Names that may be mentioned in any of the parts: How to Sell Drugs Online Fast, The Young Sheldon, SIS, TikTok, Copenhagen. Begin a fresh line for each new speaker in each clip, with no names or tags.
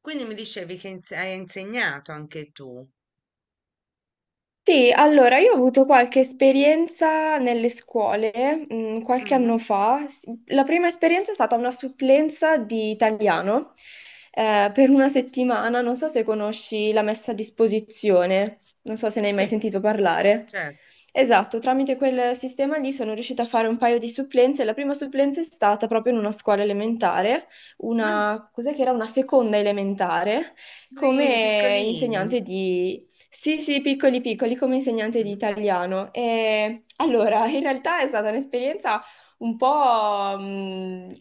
Quindi mi dicevi che hai insegnato anche tu.
Sì, allora io ho avuto qualche esperienza nelle scuole, qualche
Mhm.
anno fa. La prima esperienza è stata una supplenza di italiano, per una settimana. Non so se conosci la messa a disposizione, non so se ne hai mai
Sì,
sentito parlare.
certo.
Esatto, tramite quel sistema lì sono riuscita a fare un paio di supplenze. La prima supplenza è stata proprio in una scuola elementare,
Mm.
una, cos'è che era? Una seconda elementare
Piccolini,
come
piccolini.
insegnante di Sì, sì, piccoli piccoli come insegnante di
Mhm.
italiano. E, allora, in realtà è stata un'esperienza un po'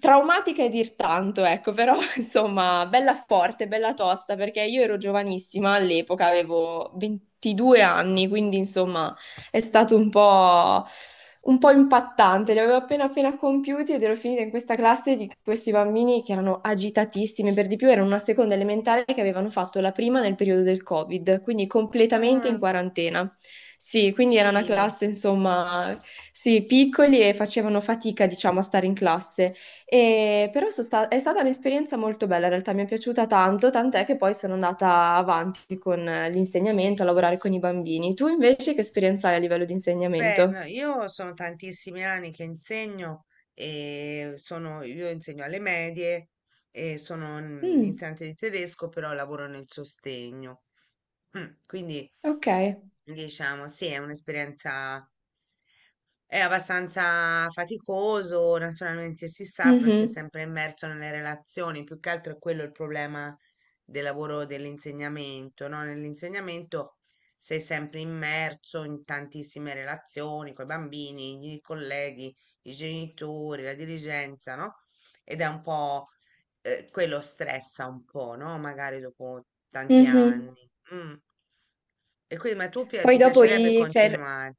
traumatica, e dir tanto, ecco, però insomma, bella forte, bella tosta, perché io ero giovanissima all'epoca, avevo 22 anni. Quindi insomma è
Mm.
stato un po' impattante, li avevo appena appena compiuti ed ero finita in questa classe di questi bambini che erano agitatissimi, per di più erano una seconda elementare che avevano fatto la prima nel periodo del Covid, quindi completamente in
Ah,
quarantena. Sì, quindi era una
piccini.
classe, insomma, sì, piccoli e facevano fatica, diciamo, a stare in classe. Però è stata un'esperienza molto bella, in realtà mi è piaciuta tanto, tant'è che poi sono andata avanti con l'insegnamento, a lavorare con i bambini. Tu invece che esperienza hai a livello di
Beh,
insegnamento?
no, io sono tantissimi anni che insegno e sono, io insegno alle medie e sono un
Mm,
insegnante di tedesco, però lavoro nel sostegno. Mm. Quindi
ok.
diciamo, sì, è un'esperienza. È abbastanza faticoso, naturalmente si sa, poi si è
Mhm,
sempre immerso nelle relazioni, più che altro è quello il problema del lavoro dell'insegnamento, no? Nell'insegnamento sei sempre immerso in tantissime relazioni con i bambini, i colleghi, i genitori, la dirigenza, no? Ed è un po' quello stressa un po', no? Magari dopo tanti
mhm.
anni. Mm. E quindi, ma tu
Poi
ti
dopo
piacerebbe
i, cioè,
continuare?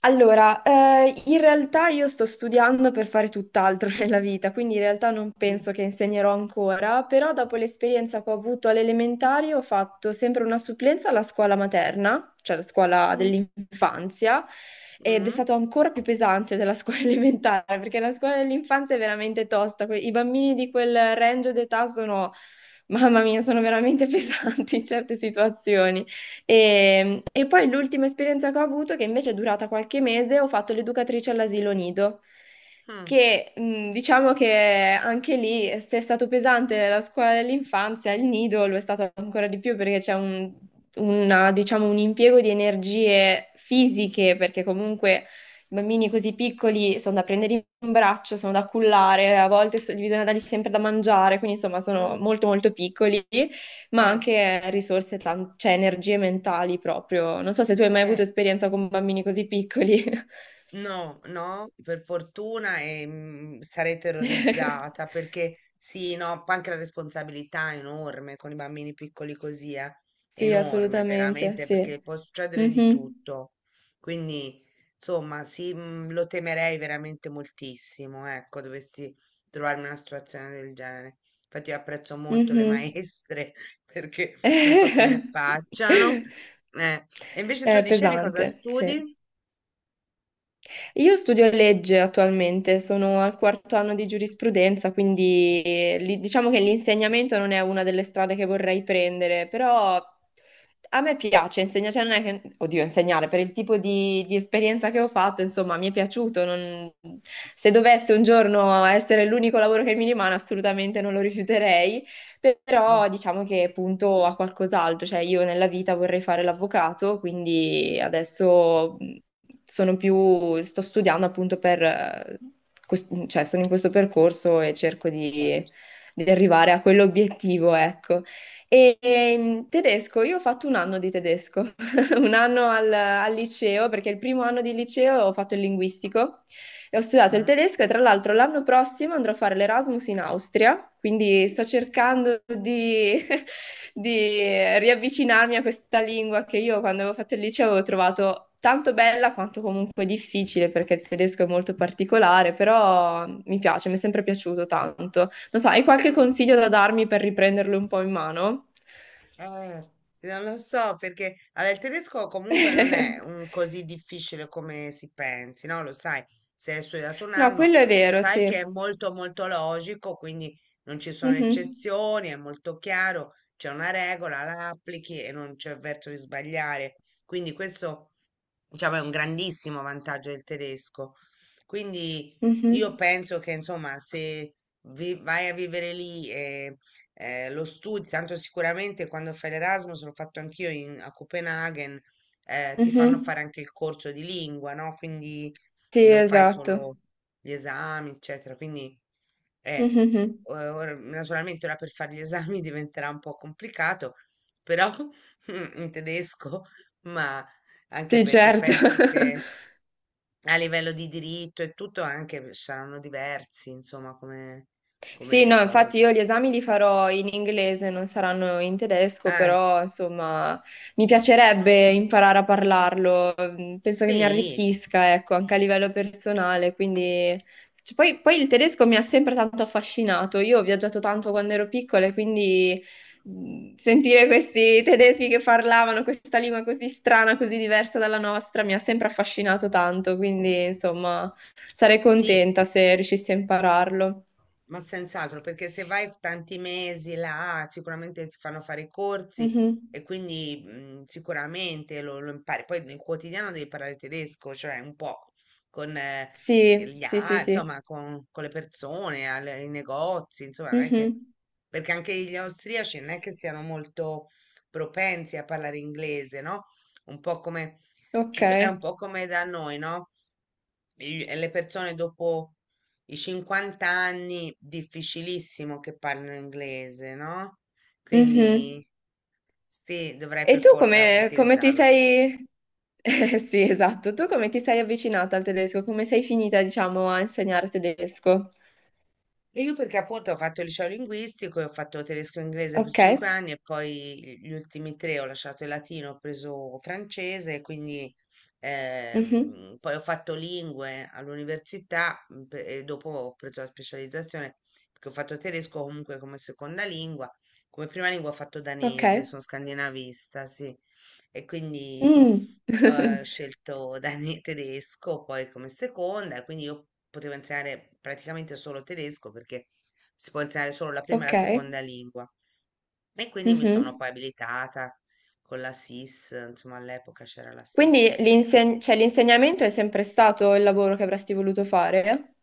Allora, in realtà io sto studiando per fare tutt'altro nella vita, quindi in realtà non
Mm.
penso che insegnerò ancora, però dopo l'esperienza che ho avuto alle elementari ho fatto sempre una supplenza alla scuola materna, cioè la scuola
Mm.
dell'infanzia, ed è
Mm?
stato ancora più pesante della scuola elementare, perché la scuola dell'infanzia è veramente tosta. I bambini di quel range d'età sono, mamma mia, sono veramente pesanti in certe situazioni. E poi l'ultima esperienza che ho avuto, che invece è durata qualche mese, ho fatto l'educatrice all'asilo nido,
Ah.
che diciamo che anche lì, se è stato pesante la scuola dell'infanzia, il nido lo è stato ancora di più perché c'è, diciamo, un impiego di energie fisiche, perché comunque... I bambini così piccoli sono da prendere in braccio, sono da cullare, a volte gli bisogna dargli sempre da mangiare, quindi insomma sono
Mh.
molto molto piccoli, ma
Eh,
anche risorse, cioè energie mentali proprio. Non so se tu hai mai avuto
eh.
esperienza con bambini così piccoli.
No, no, per fortuna e, mm, sarei terrorizzata perché sì, no, anche la responsabilità è enorme con i bambini piccoli così, è
Sì,
enorme
assolutamente,
veramente
sì.
perché può succedere di
Mhm,
tutto. Quindi, insomma, sì, mm, lo temerei veramente moltissimo, ecco, dovessi trovarmi in una situazione del genere. Infatti io apprezzo molto le
mhm.
maestre perché non so come facciano. Eh. E invece tu
È
dicevi cosa
pesante, sì.
studi?
Io studio legge attualmente, sono al quarto anno di giurisprudenza, quindi diciamo che l'insegnamento non è una delle strade che vorrei prendere, però a me piace insegnare, cioè non è che, oddio, insegnare per il tipo di esperienza che ho fatto, insomma, mi è piaciuto. Se dovesse un giorno essere l'unico lavoro che mi rimane, assolutamente non lo rifiuterei,
Mm.
però diciamo che punto a qualcos'altro, cioè io nella vita vorrei fare l'avvocato, quindi
Mh,
adesso sono
mh,
più, sto studiando appunto per, cioè sono in questo percorso e cerco di,
certo.
di arrivare a quell'obiettivo, ecco. Tedesco, io ho fatto un anno di tedesco,
Mh.
un anno al, al liceo, perché il primo anno di liceo ho fatto il linguistico. E ho studiato il
Mh-mh.
tedesco e tra l'altro l'anno prossimo andrò a fare l'Erasmus in Austria, quindi sto cercando di, di riavvicinarmi a questa lingua che io quando avevo fatto il liceo avevo trovato tanto bella quanto comunque difficile, perché il tedesco è molto particolare, però mi piace, mi è sempre piaciuto tanto. Non so, hai qualche
Mh.
consiglio da darmi per riprenderlo un po' in mano?
Eh, non lo so perché allora, il tedesco comunque non è un così difficile come si pensi, no? Lo sai, se hai studiato un
No,
anno,
quello è vero,
sai
sì.
che è molto molto logico, quindi non ci sono
Mhm,
eccezioni, è molto chiaro, c'è una regola, la applichi e non c'è verso di sbagliare. Quindi questo diciamo, è un grandissimo vantaggio il tedesco. Quindi io
mhm,
penso che, insomma, se vai a vivere lì e lo studi, tanto sicuramente quando fai l'Erasmus, l'ho fatto anch'io a Copenaghen, ti fanno
mhm.
fare anche il corso di lingua, no? Quindi
Sì,
non fai
esatto.
solo gli esami, eccetera. Quindi eh,
Mhm.
naturalmente ora per fare gli esami diventerà un po' complicato, però in tedesco, ma anche
Sì,
perché
certo.
penso che a livello di diritto e tutto anche saranno diversi, insomma, come,
Sì,
come
no,
cose.
infatti io gli esami li farò in inglese, non saranno in tedesco,
Ah,
però insomma mi
mm,
piacerebbe imparare a parlarlo, mm, penso che mi
sì,
arricchisca, ecco, anche a livello personale, quindi... cioè, poi, il tedesco mi ha sempre tanto affascinato, io ho viaggiato tanto quando ero piccola e quindi sentire questi tedeschi che parlavano questa lingua così strana, così diversa dalla nostra, mi ha sempre affascinato tanto, quindi insomma... Sarei
sì.
contenta se riuscissi a impararlo.
Ma senz'altro, perché se vai tanti mesi là, sicuramente ti fanno fare i corsi
Mhm.
e quindi mm, sicuramente lo impari. Poi nel quotidiano devi parlare tedesco, cioè un po' con
Sì, sì, sì, sì.
insomma, con le persone, ai negozi, insomma, non è che
Mhm.
perché anche gli austriaci non è che siano molto propensi a parlare inglese, no? Un po' come
Ok.
è un po' come da noi, no? Le persone dopo i 50 anni, difficilissimo che parlino inglese, no? Quindi
Mhm.
sì, dovrei
E
per
tu
forza
come ti
utilizzarlo.
sei... sì, esatto. Tu come ti sei avvicinata al tedesco? Come sei finita, diciamo, a insegnare tedesco?
E io perché appunto ho fatto il liceo linguistico e ho fatto tedesco e inglese per
Ok.
cinque anni e poi gli ultimi tre ho lasciato il latino, ho preso francese, quindi
Mhm.
poi ho fatto lingue all'università mm, e dopo ho preso la specializzazione perché ho fatto tedesco comunque come seconda lingua, come prima lingua ho fatto
Ok.
danese, sono scandinavista, sì, e quindi
Mm.
ho scelto Dani tedesco poi come seconda, quindi io potevo insegnare praticamente solo tedesco perché si può insegnare solo la prima e la
Ok.
seconda lingua. E quindi mi sono
Mhm.
poi abilitata con la SIS, insomma all'epoca c'era la SIS.
Quindi cioè, l'insegnamento è sempre stato il lavoro che avresti voluto fare?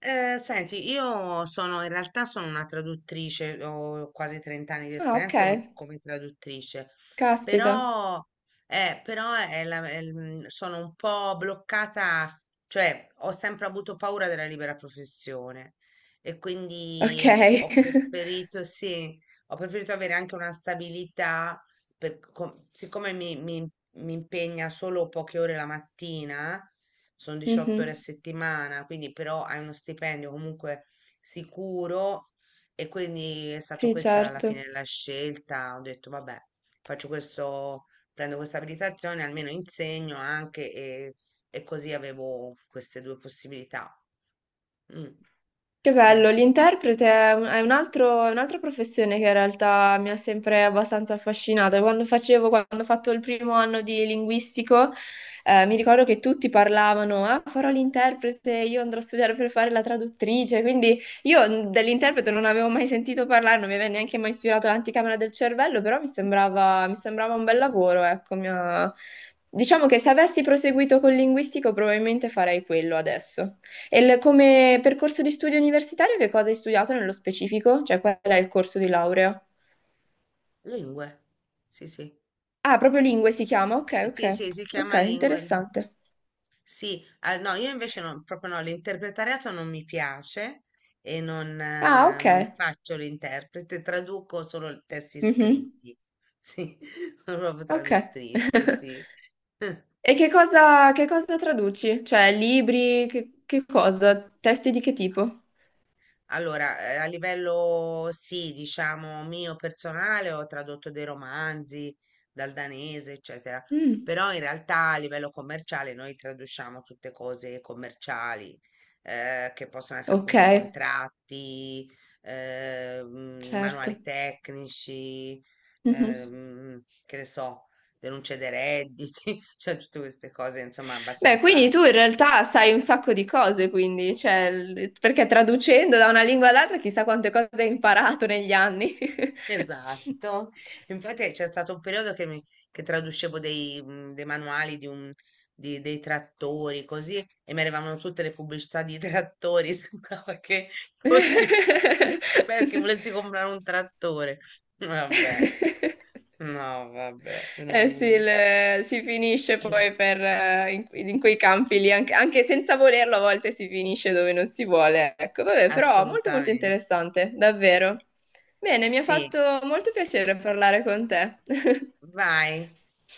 Senti, io sono in realtà sono una traduttrice, ho quasi 30 anni di
Ah, ok.
esperienza come traduttrice,
Caspita,
però, però è è mm, sono un po' bloccata, cioè ho sempre avuto paura della libera professione e quindi
ok.
mm, ho preferito, sì, ho preferito avere anche una stabilità, siccome mi mi impegna solo poche ore la mattina sono 18 ore a
Mhm.
settimana, quindi però hai uno stipendio comunque sicuro e quindi è stata
Sì,
questa alla
certo.
fine la scelta. Ho detto, vabbè, faccio questo, prendo questa abilitazione, almeno insegno anche e così avevo queste due possibilità. Mm,
Che bello,
mm.
l'interprete è un'altra professione che in realtà mi ha sempre abbastanza affascinata. Quando ho fatto il primo anno di linguistico, mi ricordo che tutti parlavano, ah, farò l'interprete, io andrò a studiare per fare la traduttrice, quindi io dell'interprete non avevo mai sentito parlare, non mi aveva neanche mai ispirato l'anticamera del cervello, però mi sembrava un bel lavoro, ecco, diciamo che se avessi proseguito con linguistico probabilmente farei quello adesso. E come percorso di studio universitario che cosa hai studiato nello specifico? Cioè qual è il corso di laurea?
Lingue, sì, sì.
Ah, proprio lingue si chiama? Ok, ok.
Sì, sì, si
Ok,
chiama lingue lì.
interessante.
Sì, ah, no, io invece no, proprio no, l'interpretariato non mi piace e non,
Ah, ok.
non faccio l'interprete, traduco solo i testi
Mhm.
scritti. Sì, sono proprio
Ok.
traduttrice, sì.
E che
Sì.
cosa, che cosa traduci? Cioè libri, che cosa? Testi di che tipo?
Allora, a livello sì, diciamo mio personale, ho tradotto dei romanzi dal danese, eccetera,
Mm,
però in realtà a livello commerciale noi traduciamo tutte cose commerciali, che possono essere
ok,
appunto contratti, mm,
certo.
manuali tecnici,
Mhm.
che ne so, denunce dei redditi, cioè tutte queste cose, insomma,
Beh, quindi
abbastanza.
tu in realtà sai un sacco di cose, quindi, cioè, perché traducendo da una lingua all'altra chissà quante cose hai imparato negli anni.
Esatto, infatti c'è stato un periodo che, che traducevo dei, mm, dei manuali di dei trattori così e mi arrivavano tutte le pubblicità di trattori, sembrava che fossi un esperto, che volessi comprare un trattore. Vabbè, no, vabbè,
Eh sì,
veramente.
si finisce poi per, in quei campi lì, anche senza volerlo, a volte si finisce dove non si vuole. Ecco, vabbè, però molto molto
Assolutamente.
interessante, davvero. Bene, mi ha
Sì,
fatto molto piacere parlare con te.
vai.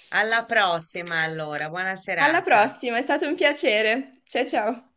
Alla prossima allora, buona
Alla
serata.
prossima, è stato un piacere. Ciao ciao.